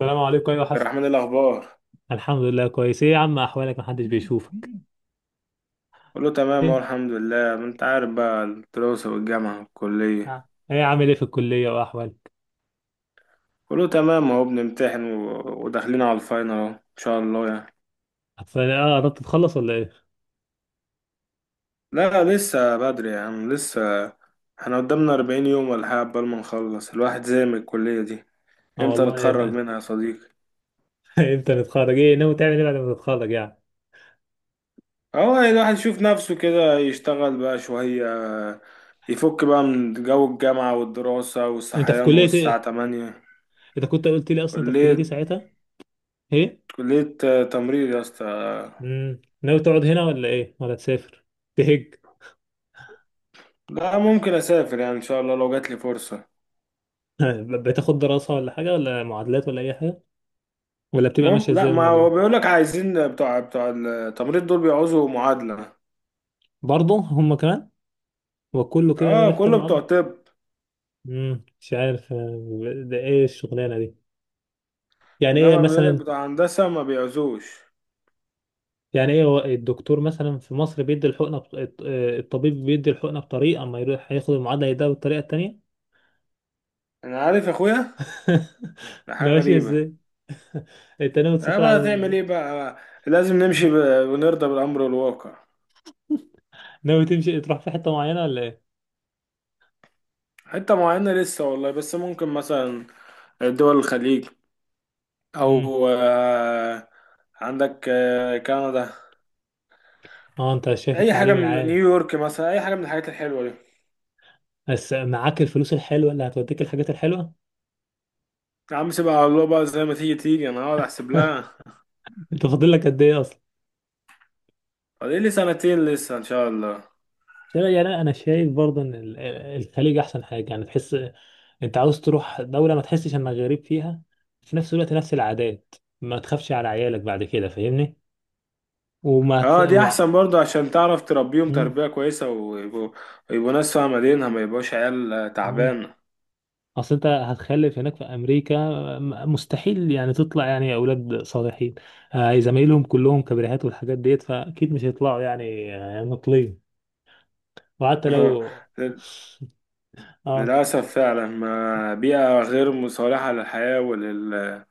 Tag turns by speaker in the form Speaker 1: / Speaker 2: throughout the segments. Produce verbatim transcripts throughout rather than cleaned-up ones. Speaker 1: السلام عليكم. ايوه حسن،
Speaker 2: الرحمن، إيه الأخبار؟
Speaker 1: الحمد لله كويس. ايه يا عم احوالك؟ محدش بيشوفك.
Speaker 2: كله تمام أهو،
Speaker 1: ايه.
Speaker 2: الحمد لله. ما أنت عارف بقى، الدراسة والجامعة والكلية.
Speaker 1: آه. ايه عامل ايه في الكليه واحوالك؟
Speaker 2: كله تمام أهو، بنمتحن و- وداخلين على الفاينل أهو، إن شاء الله يعني.
Speaker 1: اصل اه قربت تتخلص ولا ايه؟
Speaker 2: لا لسه بدري يا عم، لسه. احنا قدامنا أربعين يوم ولا حاجة قبل ما نخلص الواحد زي من الكلية دي.
Speaker 1: اه
Speaker 2: إمتى
Speaker 1: والله إيه
Speaker 2: نتخرج
Speaker 1: ده.
Speaker 2: منها يا صديقي؟
Speaker 1: امتى نتخرج؟ ايه ناوي تعمل ايه بعد ما تتخرج يعني؟
Speaker 2: أهو يعني الواحد يشوف نفسه كده، يشتغل بقى شوية، يفك بقى من جو الجامعة والدراسة
Speaker 1: انت في
Speaker 2: والصحيان
Speaker 1: كليه
Speaker 2: والساعة
Speaker 1: ايه؟
Speaker 2: تمانية.
Speaker 1: انت كنت قلت لي اصلا انت في كليه ايه
Speaker 2: كلية
Speaker 1: ساعتها؟ ايه.
Speaker 2: كلية تمريض يا اسطى.
Speaker 1: امم ناوي تقعد هنا ولا ايه ولا تسافر؟ تهج؟
Speaker 2: لا ممكن اسافر يعني، ان شاء الله لو جات لي فرصه.
Speaker 1: ب- بتاخد دراسه ولا حاجه ولا معادلات ولا اي حاجه؟ ولا بتبقى
Speaker 2: مم...
Speaker 1: ماشيه
Speaker 2: لا،
Speaker 1: ازاي
Speaker 2: ما هو
Speaker 1: الموضوع؟
Speaker 2: بيقول لك عايزين بتوع بتوع التمريض دول بيعوزوا معادله.
Speaker 1: برضه هم كمان. وكله كده
Speaker 2: اه
Speaker 1: محتاج
Speaker 2: كله بتوع
Speaker 1: معادله.
Speaker 2: طب.
Speaker 1: امم مش عارف، آه، ده ايه الشغلانه دي؟ يعني ايه
Speaker 2: انما بيقول لك
Speaker 1: مثلا؟
Speaker 2: بتوع هندسه ما بيعوزوش.
Speaker 1: يعني ايه، هو الدكتور مثلا في مصر بيدي الحقنه بط... الط- آه، الطبيب بيدي الحقنه بطريقه، اما يروح هياخد المعادله يديها بالطريقه التانيه؟
Speaker 2: انا عارف يا اخويا، ده
Speaker 1: ده
Speaker 2: حاجه
Speaker 1: ماشي
Speaker 2: غريبه.
Speaker 1: ازاي؟ انت ناوي
Speaker 2: اه
Speaker 1: تسافر على...
Speaker 2: بقى تعمل ايه بقى، لازم نمشي ب... ونرضى بالامر الواقع.
Speaker 1: ناوي تمشي تروح في حته معينه ولا ايه؟
Speaker 2: حته معينه لسه والله، بس ممكن مثلا دول الخليج،
Speaker 1: امم
Speaker 2: او آه عندك آه كندا.
Speaker 1: اه انت شايف
Speaker 2: اي حاجه
Speaker 1: التعليم
Speaker 2: من
Speaker 1: العالي.
Speaker 2: نيويورك مثلا، اي حاجه من الحاجات الحلوه دي.
Speaker 1: بس معاك الفلوس الحلوه اللي هتوديك الحاجات الحلوه.
Speaker 2: يا عم سيبها على الله بقى، زي ما تيجي تيجي، انا هقعد احسب لها.
Speaker 1: انت فاضل لك قد ايه اصلا؟
Speaker 2: فاضل لي سنتين لسه ان شاء الله.
Speaker 1: شايف- يعني انا شايف برضه ان ال- الخليج احسن حاجه، يعني تحس انت عاوز تروح دولة ما تحسش انك غريب فيها، في نفس الوقت نفس العادات، ما تخافش على عيالك بعد كده، فاهمني؟ وما ت...
Speaker 2: اه دي
Speaker 1: و...
Speaker 2: احسن برضه، عشان تعرف تربيهم
Speaker 1: مم.
Speaker 2: تربية كويسة، ويبقوا يبقوا ناس فاهمة دينها، ما يبقوش عيال آه،
Speaker 1: مم.
Speaker 2: تعبانة.
Speaker 1: اصل انت هتخلف هناك في امريكا، م- مستحيل يعني تطلع يعني اولاد صالحين. آه، زمايلهم كلهم كبريهات والحاجات ديت، فاكيد مش هيطلعوا يعني آه، نقلين. وحتى لو... اه.
Speaker 2: للأسف فعلا، ما بيئة غير مصالحة للحياة ولل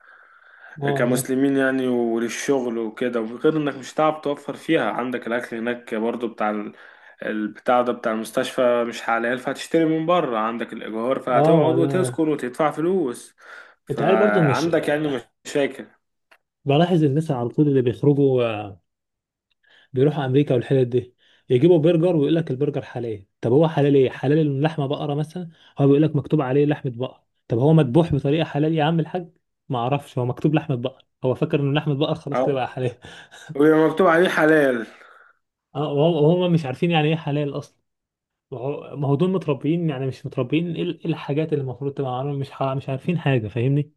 Speaker 1: ما والله.
Speaker 2: كمسلمين يعني، وللشغل وكده. وغير انك مش هتعرف توفر فيها، عندك الاكل هناك برضو بتاع ال- البتاع ده بتاع المستشفى مش حلال، فهتشتري من بره. عندك الايجار
Speaker 1: اه
Speaker 2: فهتقعد
Speaker 1: ما ده...
Speaker 2: وتسكن وتدفع فلوس.
Speaker 1: انت عارف برضه مش...
Speaker 2: فعندك يعني مشاكل.
Speaker 1: بلاحظ الناس على طول اللي بيخرجوا آه، بيروحوا امريكا والحتت دي، يجيبوا برجر ويقول لك البرجر حلال. طب هو حلال ايه؟ حلال إن لحمه بقره مثلا؟ هو بيقول لك مكتوب عليه لحمه بقر. طب هو مذبوح بطريقه حلال يا عم الحاج؟ ما اعرفش، هو مكتوب لحمه بقر، هو فاكر ان لحمه بقر خلاص كده بقى
Speaker 2: اه،
Speaker 1: حلال.
Speaker 2: ويبقى مكتوب عليه حلال.
Speaker 1: اه. وهم مش عارفين يعني ايه حلال اصلا. وهو- ما هو دول متربيين يعني مش متربيين. ايه ال- إيه الحاجات اللي المفروض تبقى عارفهم؟ مش ح- مش عارفين حاجه، فاهمني؟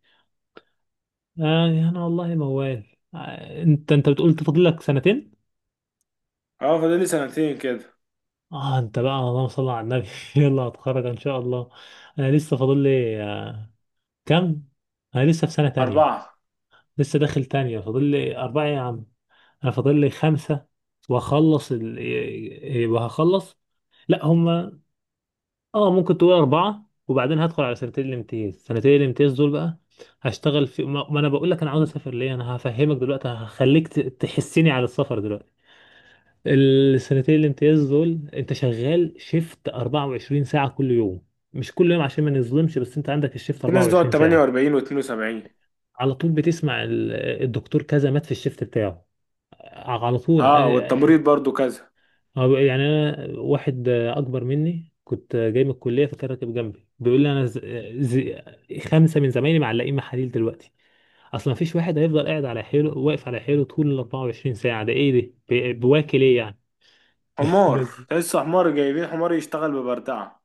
Speaker 1: آه انا والله موال. آه، انت انت بتقول تفضل لك سنتين.
Speaker 2: اه فاضل لي سنتين كده.
Speaker 1: اه انت بقى اللهم صل على النبي. يلا هتخرج ان شاء الله. انا لسه فاضل لي آه، كام؟ انا لسه في سنة تانية،
Speaker 2: اربعة.
Speaker 1: لسه داخل تانية، فاضل لي اربعة يا عم. انا فاضل لي خمسة واخلص ال... إيه- وهخلص. لا هما... اه ممكن تقول اربعة، وبعدين هدخل على سنتين الامتياز. سنتين الامتياز دول بقى هشتغل في... ما ما انا بقول لك انا عاوز اسافر ليه. انا هفهمك دلوقتي، هخليك ت- تحسني على السفر دلوقتي. السنتين الامتياز دول انت شغال شيفت 24 ساعة كل يوم. مش كل يوم عشان ما نظلمش، بس انت عندك الشيفت
Speaker 2: في ناس بتقعد
Speaker 1: 24 ساعة،
Speaker 2: ثمانية وأربعين و اثنين وسبعين.
Speaker 1: على طول بتسمع ال- الدكتور كذا مات في الشيفت بتاعه. على طول
Speaker 2: اه والتمريض
Speaker 1: اه،
Speaker 2: برضو كذا.
Speaker 1: اه، يعني انا واحد اه، اكبر مني كنت آه، جاي من الكلية، فكان راكب جنبي بيقول لي انا ز... ز... خمسة من زمايلي معلقين محاليل دلوقتي. اصلا مفيش واحد هيفضل قاعد على حيله، واقف على حيله طول ال 24 ساعة. ده ايه ده؟ بي- بواكل ايه يعني؟
Speaker 2: حمار
Speaker 1: بس.
Speaker 2: تحس، حمار جايبين حمار يشتغل ببردعة.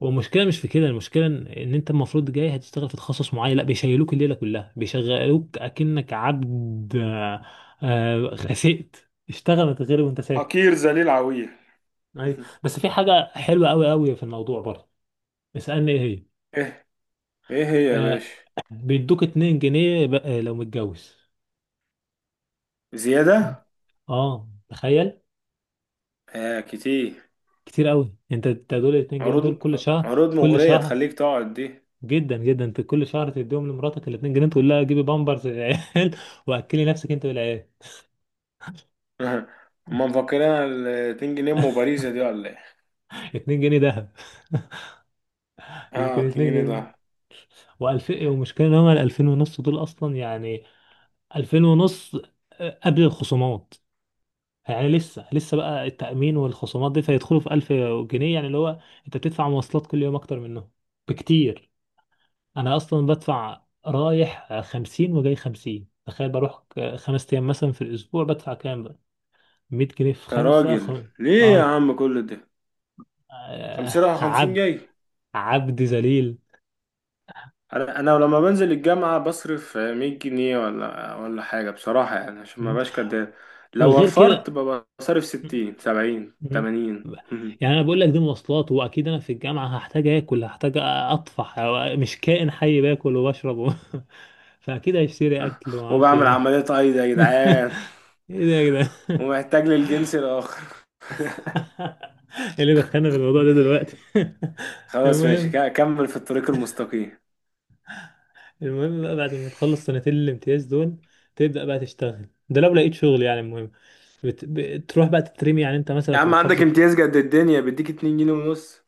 Speaker 1: والمشكله مش في كده، المشكله ان إن انت المفروض جاي هتشتغل في تخصص معين، لا بيشيلوك الليله كلها بيشغلوك اكنك عبد. آه، آه، خسئت، اشتغل ما تتغرب وانت ساكت.
Speaker 2: حقير ذليل عويل.
Speaker 1: ايوه. بس في حاجه حلوه قوي قوي في الموضوع برضه، اسالني ايه هي.
Speaker 2: ايه هي يا
Speaker 1: آه،
Speaker 2: باشا؟
Speaker 1: بيدوك اتنين جنيه ب- آه، لو متجوز.
Speaker 2: زيادة؟
Speaker 1: اه تخيل.
Speaker 2: آه كتير.
Speaker 1: كتير قوي. انت أنت دول ال اتنين جنيه دول
Speaker 2: عروض،
Speaker 1: كل شهر
Speaker 2: عروض
Speaker 1: كل
Speaker 2: مغرية
Speaker 1: شهر.
Speaker 2: تخليك تقعد دي.
Speaker 1: جدا جدا، انت كل شهر تديهم لمراتك ال اتنين جنيه، تقول لها جيبي بامبرز للعيال. واكلي نفسك انت والعيال.
Speaker 2: هما مفكرينها ال جنيهين ام باريزا دي ولا ايه؟
Speaker 1: اتنين جنيه ذهب.
Speaker 2: اه
Speaker 1: يمكن
Speaker 2: 2
Speaker 1: 2
Speaker 2: جنيه
Speaker 1: جنيه
Speaker 2: ده.
Speaker 1: و2000. ومشكلة ان هما ال ألفين ونص دول اصلا يعني، ألفين ونص آه، قبل الخصومات. يعني لسه لسه بقى التأمين والخصومات دي، فيدخلوا في ألف جنيه، يعني اللي هو انت بتدفع مواصلات كل يوم اكتر منهم بكتير. انا اصلا بدفع رايح خمسين وجاي خمسين. تخيل بروح ك- خمس ايام مثلا في الاسبوع، بدفع كام بقى؟ مية جنيه في
Speaker 2: يا
Speaker 1: خمسة
Speaker 2: راجل
Speaker 1: خم...
Speaker 2: ليه يا
Speaker 1: اه.
Speaker 2: عم كل ده،
Speaker 1: آه،
Speaker 2: خمسين رايح خمسين
Speaker 1: عبد،
Speaker 2: جاي.
Speaker 1: عبد ذليل.
Speaker 2: انا أنا لما بنزل الجامعة بصرف آه، مية جنيه ولا ولا حاجة بصراحة، يعني عشان ما
Speaker 1: م?
Speaker 2: بقاش كداب. لو
Speaker 1: وغير
Speaker 2: وفرت
Speaker 1: كده.
Speaker 2: ببقى صارف ستين سبعين
Speaker 1: مم.
Speaker 2: ثمانين.
Speaker 1: يعني انا بقول لك دي مواصلات، واكيد انا في الجامعه هحتاج اكل، هحتاج اطفح، مش كائن حي، باكل وبشرب و... فاكيد هيشتري اكل وما اعرفش
Speaker 2: وبعمل
Speaker 1: ايه.
Speaker 2: عملية ايضا يا جدعان.
Speaker 1: ايه ده يا جدعان؟
Speaker 2: ومحتاج للجنس الآخر.
Speaker 1: ايه اللي دخلنا في الموضوع ده دلوقتي؟
Speaker 2: خلاص ماشي،
Speaker 1: المهم.
Speaker 2: ك- كمل في الطريق المستقيم.
Speaker 1: المهم بقى بعد ما تخلص سنتين الامتياز دول، تبدا بقى تشتغل، ده لو لقيت شغل يعني. المهم بت... بتروح بقى تترمي، يعني انت
Speaker 2: يا
Speaker 1: مثلا في
Speaker 2: عم عندك
Speaker 1: محافظه.
Speaker 2: امتياز قد الدنيا، بيديك اتنين جنيه ونص.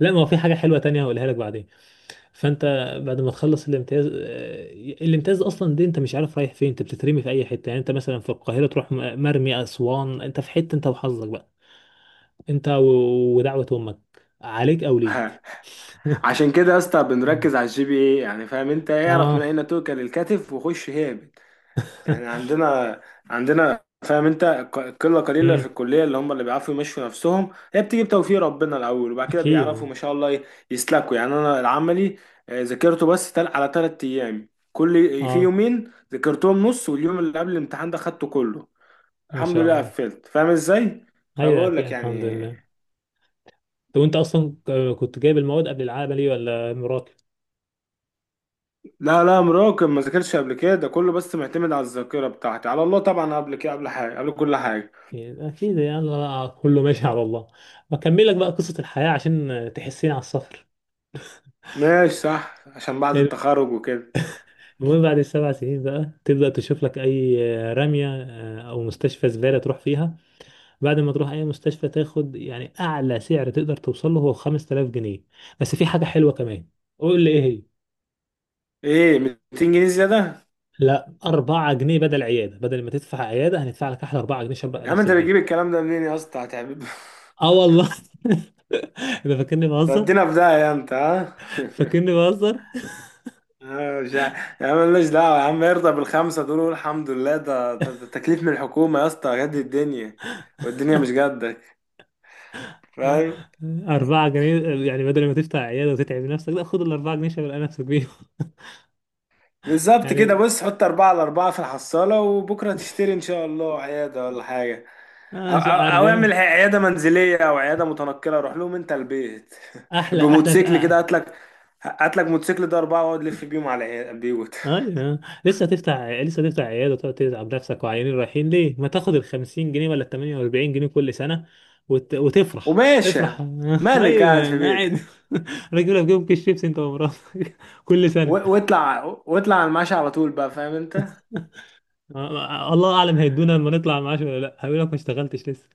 Speaker 1: لا ما هو في حاجة حلوة تانية هقولها لك بعدين. فانت بعد ما تخلص الامتياز، آه، الامتياز اصلا دي انت مش عارف رايح فين، انت بتترمي في اي حته. يعني انت مثلا في القاهره تروح م- مرمي اسوان، انت في حته انت وحظك بقى. انت و- ودعوه امك عليك او
Speaker 2: ها،
Speaker 1: ليك.
Speaker 2: عشان كده يا اسطى بنركز على الجي بي اي، يعني فاهم انت؟ اعرف من
Speaker 1: اه.
Speaker 2: اين توكل الكتف وخش هابط. يعني عندنا عندنا فاهم انت، ق- قله قليله في
Speaker 1: امم
Speaker 2: الكليه اللي هم اللي بيعرفوا يمشوا نفسهم. هي بتيجي بتوفيق ربنا الاول، وبعد كده
Speaker 1: اكيد اه.
Speaker 2: بيعرفوا ما شاء الله ي- يسلكوا. يعني انا العملي آه، ذاكرته بس تل على ثلاث ايام، كل في
Speaker 1: آه،
Speaker 2: يومين ذاكرتهم نص، واليوم اللي قبل الامتحان ده خدته كله.
Speaker 1: ما
Speaker 2: الحمد
Speaker 1: شاء
Speaker 2: لله
Speaker 1: الله.
Speaker 2: قفلت، فاهم ازاي؟
Speaker 1: ايوه
Speaker 2: فبقول
Speaker 1: اكيد
Speaker 2: لك
Speaker 1: الحمد
Speaker 2: يعني،
Speaker 1: لله. طب وانت اصلا ك- كنت جايب المواد قبل العملي ولا مراكم؟
Speaker 2: لا لا مراقب ما ذاكرش قبل كده، ده كله بس معتمد على الذاكره بتاعتي، على الله طبعا، قبل كده قبل حاجه قبل كل حاجه.
Speaker 1: يعني اكيد يعني، أنا كله ماشي على الله. بكمل لك بقى قصة الحياة عشان تحسين على السفر.
Speaker 2: ماشي صح، عشان بعد التخرج وكده.
Speaker 1: المهم بعد السبع سنين بقى تبدأ تشوف لك أي رمية آه، أو مستشفى زبالة تروح فيها. بعد ما تروح أي مستشفى تاخد يعني أعلى سعر تقدر توصل له هو خمس تلاف جنيه. بس في حاجة حلوة كمان، قول لي إيه هي.
Speaker 2: ايه، ميتين جنيه زياده؟
Speaker 1: لا اربعة جنيه بدل عيادة، بدل ما تدفع عيادة هندفع لك أحلى اربعة جنيه، شبع
Speaker 2: يا عم
Speaker 1: نفسك
Speaker 2: انت بتجيب
Speaker 1: بيه.
Speaker 2: الكلام ده منين يا اسطى، هتعمل
Speaker 1: آه والله. ده فاكرني بهزر.
Speaker 2: تدينا في داهيه انت. ها،
Speaker 1: فاكرني بهزر.
Speaker 2: آه، مش عارف. يا عم مالناش دعوه يا عم، ارضى بالخمسه دول وقول الحمد لله، ده ده- ده تكليف من الحكومه يا اسطى، جد الدنيا والدنيا مش جدك، فاهم؟
Speaker 1: أربعة جنيه يعني، بدل ما تفتح عيادة وتتعب نفسك، لا خد الأربعة جنيه شغل نفسك بيهم.
Speaker 2: بالظبط كده،
Speaker 1: يعني
Speaker 2: بص حط أربعة على أربعة في الحصالة، وبكرة تشتري إن شاء الله عيادة ولا حاجة. أو,
Speaker 1: آه شو
Speaker 2: أو,
Speaker 1: عارف
Speaker 2: أو اعمل
Speaker 1: إيه.
Speaker 2: عيادة منزلية أو عيادة متنقلة، روح لهم أنت البيت.
Speaker 1: أحلى أحلى
Speaker 2: بموتوسيكل كده،
Speaker 1: تقى.
Speaker 2: هات لك هات لك موتوسيكل ده أربعة، واقعد لف بيهم على العيا- البيوت.
Speaker 1: أيوه. لسه تفتح لسه تفتح عيادة وتقعد تتعب نفسك وعيانين رايحين ليه؟ ما تاخد ال خمسين جنيه ولا ال تمانية واربعين جنيه كل سنة وت... وتفرح
Speaker 2: وماشي،
Speaker 1: افرح.
Speaker 2: مالك قاعد في
Speaker 1: أيوه قاعد.
Speaker 2: بيتك
Speaker 1: راجل لك جنب كيس شيبسي أنت ومراتك، كل سنة.
Speaker 2: و- واطلع واطلع على المعاش على طول بقى، فاهم أنت؟
Speaker 1: آه، آه، الله أعلم هيدونا لما نطلع معاش ولا لا. هيقول لك ما اشتغلتش لسه.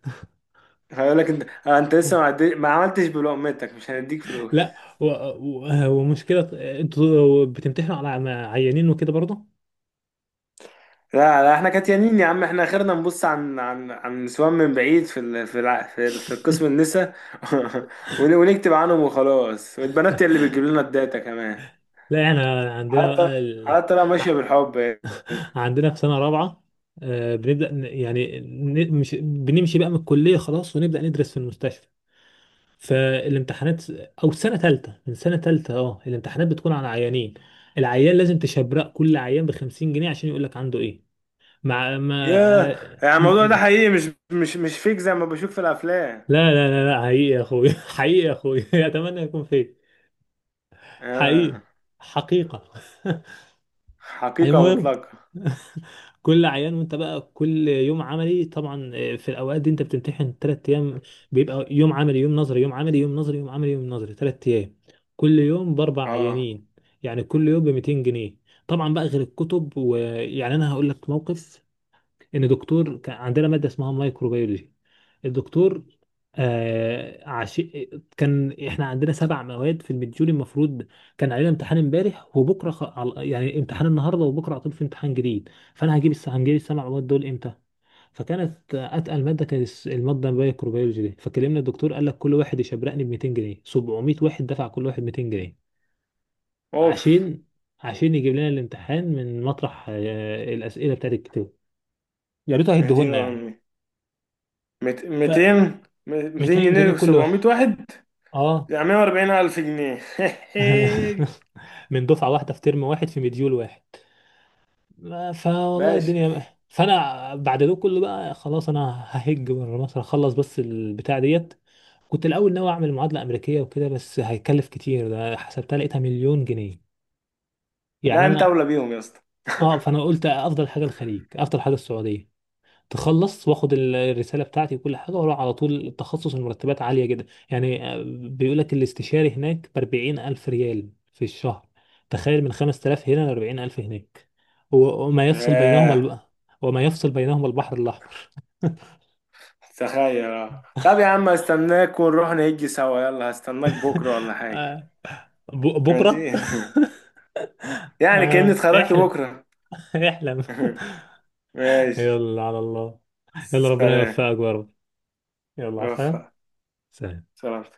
Speaker 2: هيقول لك، أنت أنت لسه ما عدي- ما عملتش بلقمتك، مش هنديك فلوس.
Speaker 1: لا. و- و- آه، ومشكلة، انتوا بتمتحنوا على عيانين وكده برضه.
Speaker 2: لا لا احنا كاتيانين يا عم، احنا اخرنا نبص عن عن عن نسوان من بعيد، في ال... في الع... في, ال... في القسم النسا. ون... ونكتب عنهم وخلاص، والبنات هي اللي بتجيب لنا الداتا كمان.
Speaker 1: لا احنا عندنا
Speaker 2: حتى
Speaker 1: بقى ال...
Speaker 2: حتى لو ماشيه
Speaker 1: ع-
Speaker 2: بالحب يعني.
Speaker 1: عندنا في سنة رابعة آه، بنبدأ ن- يعني ن- مش بنمشي بقى من الكلية خلاص، ونبدأ ندرس في المستشفى. فالامتحانات، أو سنة تالتة، من سنة تالتة اه الامتحانات بتكون على عيانين، العيان لازم تشبرق كل عيان بخمسين جنيه عشان يقول لك عنده ايه. مع ما...
Speaker 2: ياه،
Speaker 1: آه،
Speaker 2: يعني
Speaker 1: م-
Speaker 2: الموضوع ده
Speaker 1: م-
Speaker 2: حقيقي، مش مش مش فيك زي ما بشوف في الافلام.
Speaker 1: لا لا لا لا، حقيقي يا اخوي. حقيقي يا اخوي. اتمنى يكون فيك. حقيقي،
Speaker 2: آه.
Speaker 1: حقيقة.
Speaker 2: حقيقه
Speaker 1: المهم،
Speaker 2: مطلقه.
Speaker 1: كل عيان وانت بقى كل يوم عملي طبعا، آه، في الاوقات دي انت بتمتحن ثلاث ايام، بيبقى يوم عملي يوم نظري يوم عملي يوم نظري يوم عملي يوم نظري، ثلاث ايام كل يوم باربع
Speaker 2: اه
Speaker 1: عيانين يعني كل يوم ب مئتين جنيه. طبعا بقى غير الكتب. ويعني انا هقول لك موقف. ان دكتور كان عندنا ماده اسمها مايكروبيولوجي. الدكتور آه عش... كان احنا عندنا سبع مواد في المديول، المفروض كان علينا امتحان امبارح وبكره خ... على- يعني امتحان النهارده وبكره على طول في امتحان جديد. فانا هجيب الس... هنجيب السبع مواد دول امتى؟ فكانت اتقل ماده كانت الس- الماده الميكروبيولوجي دي، فكلمنا الدكتور قال لك كل واحد يشبرقني ب مئتين جنيه. سبعمية واحد دفع كل واحد ميتين جنيه
Speaker 2: اوف،
Speaker 1: عشان عشان يجيب لنا الامتحان من مطرح، آه، الاسئله بتاعت الكتاب. يا ريته هيديهولنا
Speaker 2: اهدينا
Speaker 1: يعني.
Speaker 2: امي. ميتين 200
Speaker 1: ميتين جنيه
Speaker 2: جنيه
Speaker 1: كل واحد
Speaker 2: وسبعمية واحد،
Speaker 1: اه.
Speaker 2: يعني مية واربعين الف جنيه.
Speaker 1: من دفعه واحده في ترم واحد في مديول واحد. ما- فوالله
Speaker 2: باشا.
Speaker 1: الدنيا. فانا بعد ده كله بقى خلاص، انا ههج بره مصر، هخلص بس البتاع ديت. كنت الاول ناوي اعمل معادله امريكيه وكده، بس هيكلف كتير، ده حسبتها لقيتها مليون جنيه يعني
Speaker 2: لا انت
Speaker 1: انا.
Speaker 2: اولى بيهم يا اسطى.
Speaker 1: اه، فانا قلت افضل حاجه الخليج، افضل حاجه السعوديه. تخلص واخد ال- الرساله بتاعتي وكل حاجه واروح على طول التخصص. المرتبات عاليه جدا يعني، آه، بيقول لك الاستشاري هناك ب اربعين الف ريال في الشهر. تخيل من خمس تلاف هنا ل اربعين الف هناك. و- وما يفصل بينهما
Speaker 2: ياه
Speaker 1: الب... وما يفصل بينهما البحر الاحمر.
Speaker 2: تخيل. اه طب يا عم، استناك ونروح نهجي سوا، يلا هستناك بكره ولا حاجه؟
Speaker 1: ب... بكره.
Speaker 2: ماشي. يعني كأني
Speaker 1: آه
Speaker 2: اتخرجت
Speaker 1: احلم.
Speaker 2: بكره.
Speaker 1: احلم.
Speaker 2: ماشي.
Speaker 1: يلا على الله. يلا ربنا
Speaker 2: سلام.
Speaker 1: يوفقك يا رب. يلا عفا.
Speaker 2: رفع.
Speaker 1: سلام.
Speaker 2: سلام.